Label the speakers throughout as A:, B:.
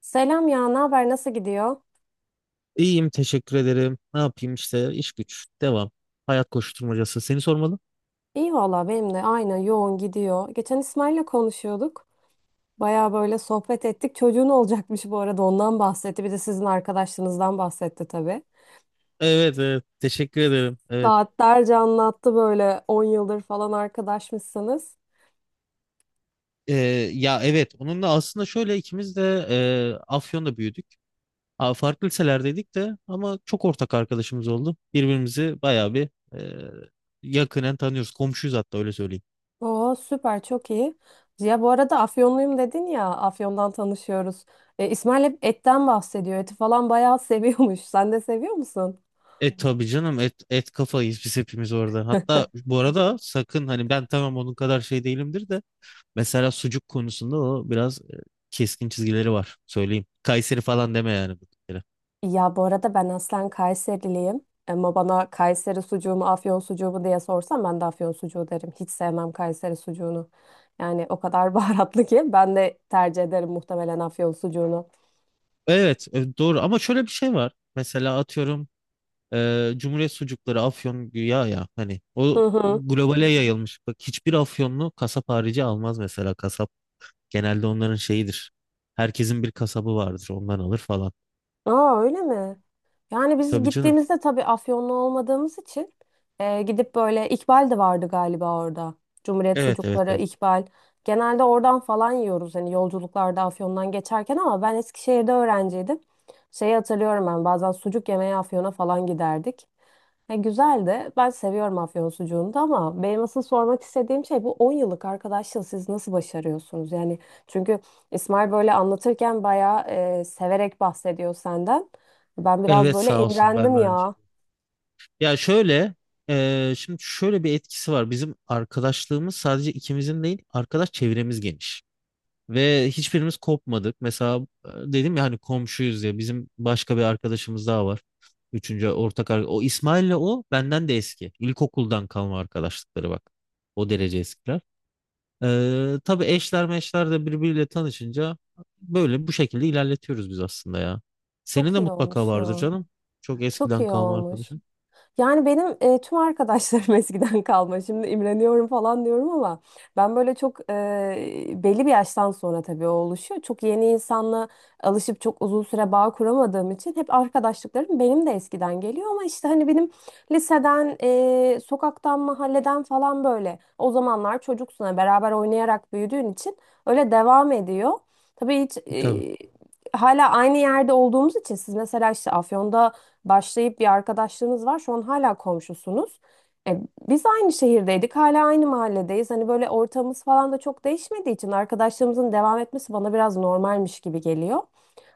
A: Selam ya, ne haber, nasıl gidiyor?
B: İyiyim, teşekkür ederim. Ne yapayım işte, iş güç devam. Hayat koşturmacası. Seni sormalı.
A: İyi valla benim de aynen yoğun gidiyor. Geçen İsmail'le konuşuyorduk. Baya böyle sohbet ettik. Çocuğun olacakmış bu arada ondan bahsetti. Bir de sizin arkadaşlığınızdan bahsetti tabii.
B: Evet, evet, teşekkür ederim. Evet.
A: Saatlerce anlattı böyle 10 yıldır falan arkadaşmışsınız.
B: Ee, ya evet, onunla aslında şöyle, ikimiz de Afyon'da büyüdük. Aa, farklı liselerdeydik de ama çok ortak arkadaşımız oldu. Birbirimizi bayağı bir e, yakinen tanıyoruz. Komşuyuz, hatta öyle söyleyeyim.
A: Oo, süper, çok iyi. Ya bu arada Afyonluyum dedin ya, Afyon'dan tanışıyoruz. İsmail hep etten bahsediyor. Eti falan bayağı seviyormuş. Sen de seviyor musun?
B: E tabii canım, et, et kafayız biz hepimiz orada. Hatta bu arada sakın, hani ben tamam onun kadar şey değilimdir de mesela sucuk konusunda o biraz keskin çizgileri var. Söyleyeyim. Kayseri falan deme yani. Bu bir kere.
A: Ya bu arada ben aslen Kayseriliyim. Ama bana Kayseri sucuğu mu Afyon sucuğu mu diye sorsam ben de Afyon sucuğu derim. Hiç sevmem Kayseri sucuğunu. Yani o kadar baharatlı ki ben de tercih ederim muhtemelen Afyon sucuğunu.
B: Evet, doğru, ama şöyle bir şey var. Mesela atıyorum, Cumhuriyet sucukları Afyon güya, ya hani o globale yayılmış. Bak, hiçbir Afyonlu kasap harici almaz mesela kasap. Genelde onların şeyidir. Herkesin bir kasabı vardır. Ondan alır falan.
A: Aa, öyle mi? Yani biz
B: Tabii canım.
A: gittiğimizde tabii Afyonlu olmadığımız için gidip böyle, İkbal de vardı galiba orada. Cumhuriyet
B: Evet, evet,
A: sucukları,
B: evet.
A: İkbal. Genelde oradan falan yiyoruz hani, yolculuklarda Afyon'dan geçerken, ama ben Eskişehir'de öğrenciydim. Şeyi hatırlıyorum, ben bazen sucuk yemeye Afyon'a falan giderdik. Ya güzel de, ben seviyorum Afyon sucuğunu da, ama benim asıl sormak istediğim şey, bu 10 yıllık arkadaşlığı siz nasıl başarıyorsunuz? Yani çünkü İsmail böyle anlatırken bayağı severek bahsediyor senden. Ben biraz
B: Evet,
A: böyle
B: sağ olsun, ben
A: imrendim
B: de aynı şey.
A: ya.
B: Ya şöyle, şimdi şöyle bir etkisi var. Bizim arkadaşlığımız sadece ikimizin değil, arkadaş çevremiz geniş. Ve hiçbirimiz kopmadık. Mesela dedim ya, hani komşuyuz ya, bizim başka bir arkadaşımız daha var. Üçüncü ortak arkadaş. O İsmail'le, o benden de eski. İlkokuldan kalma arkadaşlıkları, bak. O derece eskiler. Tabii eşler meşler de birbiriyle tanışınca böyle bu şekilde ilerletiyoruz biz aslında ya. Senin
A: Çok
B: de
A: iyi
B: mutlaka
A: olmuş
B: vardır
A: ya.
B: canım. Çok
A: Çok
B: eskiden
A: iyi
B: kalma
A: olmuş.
B: arkadaşın.
A: Yani benim tüm arkadaşlarım eskiden kalma. Şimdi imreniyorum falan diyorum ama ben böyle çok, belli bir yaştan sonra tabii o oluşuyor. Çok yeni insanla alışıp çok uzun süre bağ kuramadığım için hep arkadaşlıklarım benim de eskiden geliyor, ama işte hani benim liseden, sokaktan, mahalleden falan, böyle o zamanlar çocuksun hani, beraber oynayarak büyüdüğün için öyle devam ediyor. Tabii hiç, hala aynı yerde olduğumuz için, siz mesela işte Afyon'da başlayıp bir arkadaşlığınız var. Şu an hala komşusunuz. E, biz aynı şehirdeydik, hala aynı mahalledeyiz. Hani böyle ortamımız falan da çok değişmediği için arkadaşlığımızın devam etmesi bana biraz normalmiş gibi geliyor.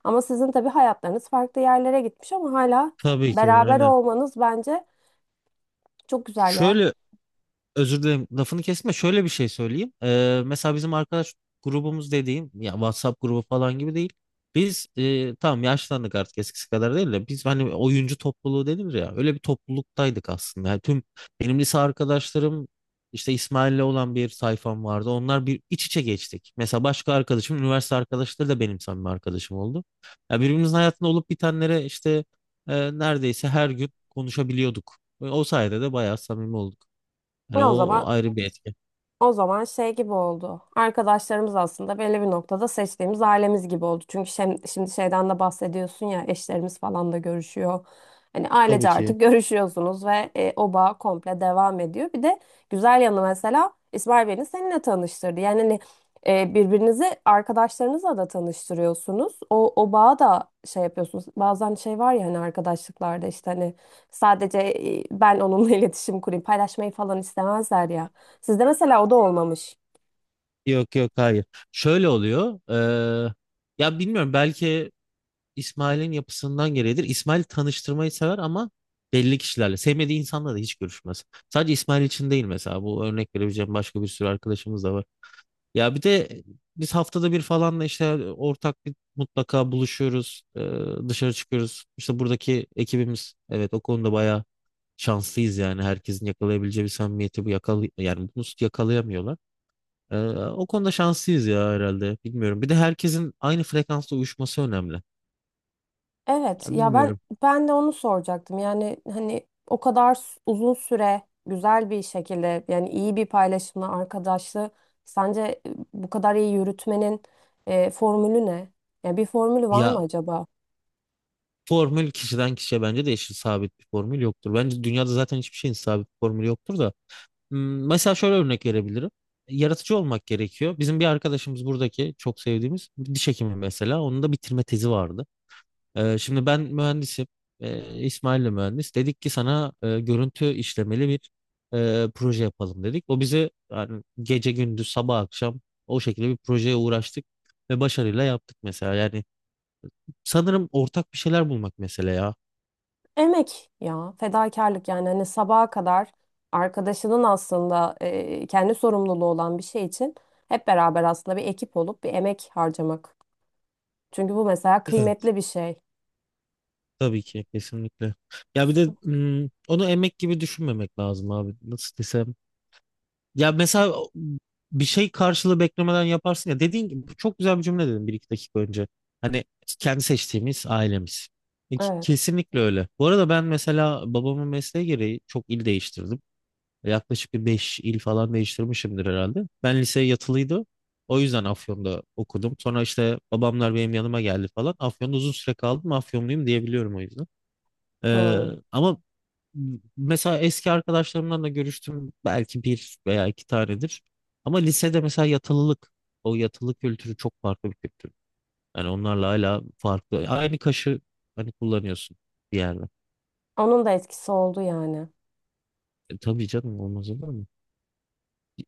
A: Ama sizin tabii hayatlarınız farklı yerlere gitmiş, ama hala
B: Tabii ki,
A: beraber
B: aynen.
A: olmanız bence çok güzel ya.
B: Şöyle, özür dilerim lafını kesme. Şöyle bir şey söyleyeyim. Mesela bizim arkadaş grubumuz dediğim ya, WhatsApp grubu falan gibi değil. Biz tamam yaşlandık artık eskisi kadar değil de, biz hani oyuncu topluluğu denir ya, öyle bir topluluktaydık aslında. Yani tüm benim lise arkadaşlarım, işte İsmail'le olan bir sayfam vardı. Onlar bir iç içe geçtik. Mesela başka arkadaşım, üniversite arkadaşları da benim samimi arkadaşım oldu. Ya birbirimizin hayatında olup bitenlere işte neredeyse her gün konuşabiliyorduk. O sayede de bayağı samimi olduk. Yani
A: Ya o
B: o
A: zaman
B: ayrı bir etki.
A: O zaman şey gibi oldu. Arkadaşlarımız aslında belli bir noktada seçtiğimiz ailemiz gibi oldu. Çünkü şimdi şeyden de bahsediyorsun ya, eşlerimiz falan da görüşüyor. Hani
B: Tabii
A: ailece
B: ki.
A: artık görüşüyorsunuz ve o bağ komple devam ediyor. Bir de güzel yanı, mesela İsmail beni seninle tanıştırdı. Yani hani birbirinizi arkadaşlarınızla da tanıştırıyorsunuz. O bağı da şey yapıyorsunuz. Bazen şey var ya hani, arkadaşlıklarda işte hani sadece ben onunla iletişim kurayım, paylaşmayı falan istemezler ya. Sizde mesela o da olmamış.
B: Yok, yok, hayır. Şöyle oluyor. Ya bilmiyorum, belki İsmail'in yapısından gereğidir. İsmail tanıştırmayı sever ama belli kişilerle. Sevmediği insanla da hiç görüşmez. Sadece İsmail için değil mesela. Bu örnek verebileceğim başka bir sürü arkadaşımız da var. Ya bir de biz haftada bir falan da işte ortak bir mutlaka buluşuyoruz. Dışarı çıkıyoruz. İşte buradaki ekibimiz, evet, o konuda bayağı şanslıyız yani. Herkesin yakalayabileceği bir samimiyeti bu yani bunu yakalayamıyorlar. E, o konuda şanslıyız ya herhalde. Bilmiyorum. Bir de herkesin aynı frekansla uyuşması önemli.
A: Evet
B: Yani
A: ya, ben
B: bilmiyorum.
A: ben de onu soracaktım. Yani hani o kadar uzun süre güzel bir şekilde, yani iyi bir paylaşımla arkadaşlığı sence bu kadar iyi yürütmenin formülü ne? Ya bir formülü var mı
B: Ya
A: acaba?
B: formül kişiden kişiye bence değişir. Sabit bir formül yoktur. Bence dünyada zaten hiçbir şeyin sabit bir formülü yoktur da. Hmm. Mesela şöyle örnek verebilirim. Yaratıcı olmak gerekiyor. Bizim bir arkadaşımız, buradaki çok sevdiğimiz bir diş hekimi mesela. Onun da bitirme tezi vardı. Şimdi ben mühendisim. İsmail de mühendis. Dedik ki sana görüntü işlemeli bir proje yapalım dedik. O bize yani gece gündüz sabah akşam o şekilde bir projeye uğraştık ve başarıyla yaptık mesela. Yani sanırım ortak bir şeyler bulmak mesela
A: Emek ya fedakarlık, yani hani sabaha kadar arkadaşının aslında kendi sorumluluğu olan bir şey için hep beraber aslında bir ekip olup bir emek harcamak. Çünkü bu mesela
B: ya.
A: kıymetli bir şey.
B: Tabii ki, kesinlikle. Ya bir de onu emek gibi düşünmemek lazım abi. Nasıl desem. Ya mesela bir şey karşılığı beklemeden yaparsın ya. Dediğin gibi, bu çok güzel bir cümle dedin bir iki dakika önce. Hani kendi seçtiğimiz ailemiz. E, ke-
A: Evet.
B: Kesinlikle öyle. Bu arada ben mesela babamın mesleği gereği çok il değiştirdim. Yaklaşık bir 5 il falan değiştirmişimdir herhalde. Ben lise yatılıydı. O yüzden Afyon'da okudum. Sonra işte babamlar benim yanıma geldi falan. Afyon'da uzun süre kaldım. Afyonluyum diyebiliyorum o yüzden. Ee,
A: Hmm.
B: Ama mesela eski arkadaşlarımdan da görüştüm belki bir veya iki tanedir. Ama lisede mesela yatılılık, o yatılı kültürü çok farklı bir kültür. Yani onlarla hala farklı. Aynı kaşı hani kullanıyorsun bir yerde.
A: Onun da etkisi oldu yani.
B: E, tabii canım, olmaz olur mu?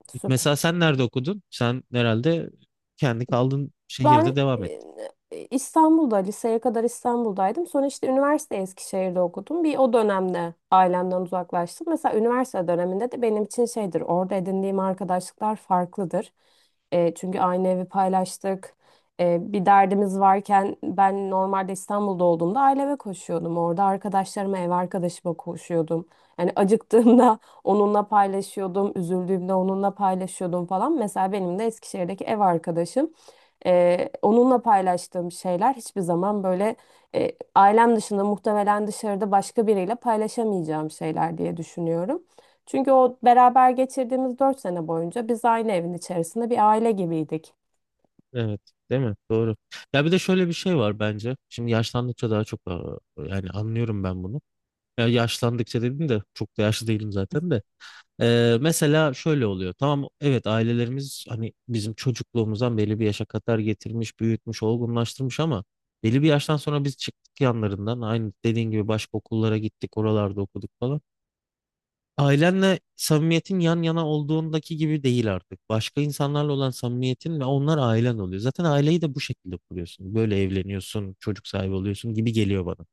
A: Süper.
B: Mesela sen nerede okudun? Sen herhalde kendi kaldığın
A: Ben,
B: şehirde devam ettin.
A: İstanbul'da, liseye kadar İstanbul'daydım. Sonra işte üniversite Eskişehir'de okudum. Bir o dönemde ailemden uzaklaştım. Mesela üniversite döneminde de benim için şeydir, orada edindiğim arkadaşlıklar farklıdır. Çünkü aynı evi paylaştık. Bir derdimiz varken ben normalde İstanbul'da olduğumda aileme koşuyordum. Orada arkadaşlarıma, ev arkadaşıma koşuyordum. Yani acıktığımda onunla paylaşıyordum, üzüldüğümde onunla paylaşıyordum falan. Mesela benim de Eskişehir'deki ev arkadaşım. Onunla paylaştığım şeyler hiçbir zaman böyle, ailem dışında muhtemelen dışarıda başka biriyle paylaşamayacağım şeyler diye düşünüyorum. Çünkü o beraber geçirdiğimiz 4 sene boyunca biz aynı evin içerisinde bir aile gibiydik.
B: Evet, değil mi? Doğru. Ya bir de şöyle bir şey var bence. Şimdi yaşlandıkça daha çok yani anlıyorum ben bunu. Ya yaşlandıkça dedim de, çok da yaşlı değilim zaten de. Mesela şöyle oluyor. Tamam evet, ailelerimiz hani bizim çocukluğumuzdan belli bir yaşa kadar getirmiş, büyütmüş, olgunlaştırmış ama belli bir yaştan sonra biz çıktık yanlarından. Aynı dediğin gibi başka okullara gittik, oralarda okuduk falan. Ailenle samimiyetin yan yana olduğundaki gibi değil artık. Başka insanlarla olan samimiyetin ve onlar ailen oluyor. Zaten aileyi de bu şekilde kuruyorsun. Böyle evleniyorsun, çocuk sahibi oluyorsun gibi geliyor bana.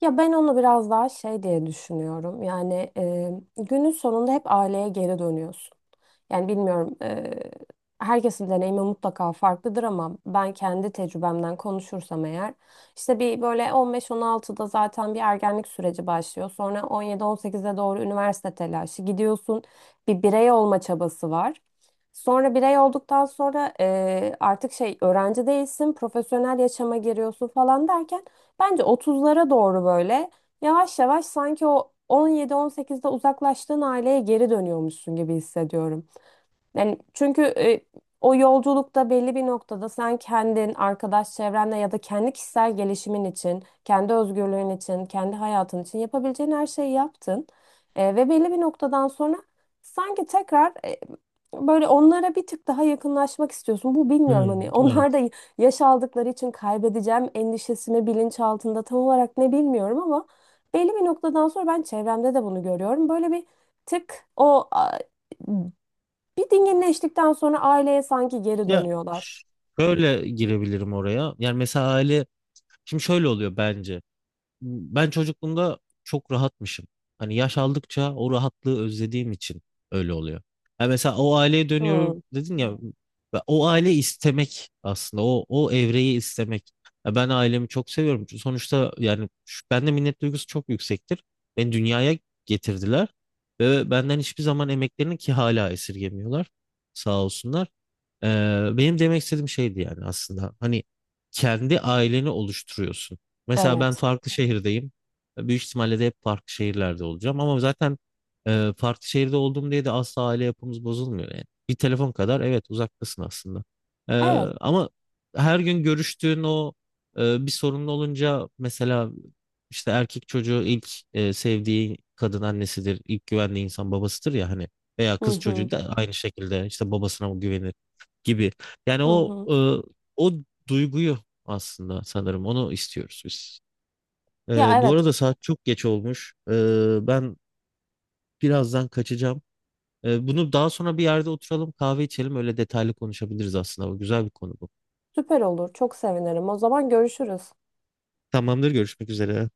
A: Ya ben onu biraz daha şey diye düşünüyorum. Yani, günün sonunda hep aileye geri dönüyorsun. Yani bilmiyorum, herkesin deneyimi mutlaka farklıdır ama ben kendi tecrübemden konuşursam eğer, işte bir böyle 15-16'da zaten bir ergenlik süreci başlıyor. Sonra 17-18'e doğru üniversite telaşı gidiyorsun. Bir birey olma çabası var. Sonra birey olduktan sonra artık şey öğrenci değilsin, profesyonel yaşama giriyorsun falan derken, bence 30'lara doğru böyle yavaş yavaş, sanki o 17-18'de uzaklaştığın aileye geri dönüyormuşsun gibi hissediyorum. Yani çünkü o yolculukta belli bir noktada sen kendin, arkadaş çevrenle ya da kendi kişisel gelişimin için, kendi özgürlüğün için, kendi hayatın için yapabileceğin her şeyi yaptın. Ve belli bir noktadan sonra sanki tekrar, böyle onlara bir tık daha yakınlaşmak istiyorsun. Bu, bilmiyorum hani,
B: Hmm,
A: onlar da
B: evet.
A: yaş aldıkları için kaybedeceğim endişesini bilinçaltında tam olarak ne bilmiyorum ama belli bir noktadan sonra ben çevremde de bunu görüyorum. Böyle bir tık o bir dinginleştikten sonra aileye sanki geri
B: Ya
A: dönüyorlar.
B: şöyle girebilirim oraya. Yani mesela aile, şimdi şöyle oluyor bence, ben çocukluğumda çok rahatmışım. Hani yaş aldıkça o rahatlığı özlediğim için öyle oluyor. Ha mesela, o aileye dönüyorum
A: Hmm,
B: dedin ya, ve o aile istemek aslında o evreyi istemek. Ya ben ailemi çok seviyorum. Çünkü sonuçta yani bende minnet duygusu çok yüksektir. Beni dünyaya getirdiler ve benden hiçbir zaman emeklerini, ki hala esirgemiyorlar. Sağ olsunlar. Benim demek istediğim şeydi yani aslında. Hani kendi aileni oluşturuyorsun. Mesela ben
A: evet.
B: farklı şehirdeyim. Büyük ihtimalle de hep farklı şehirlerde olacağım. Ama zaten farklı şehirde olduğum diye de asla aile yapımız bozulmuyor yani. Bir telefon kadar evet uzaktasın aslında. E,
A: Evet.
B: Ama her gün görüştüğün o bir sorunlu olunca mesela, işte erkek çocuğu ilk sevdiği kadın annesidir, ilk güvendiği insan babasıdır ya hani, veya
A: Hı
B: kız çocuğu
A: hı,
B: da aynı şekilde işte babasına güvenir gibi. Yani
A: hı
B: o
A: hı.
B: o duyguyu aslında sanırım onu istiyoruz biz.
A: Ya
B: Bu
A: evet,
B: arada saat çok geç olmuş. Ben birazdan kaçacağım. Bunu daha sonra bir yerde oturalım, kahve içelim, öyle detaylı konuşabiliriz aslında. Bu güzel bir konu bu.
A: süper olur. Çok sevinirim. O zaman görüşürüz.
B: Tamamdır, görüşmek üzere.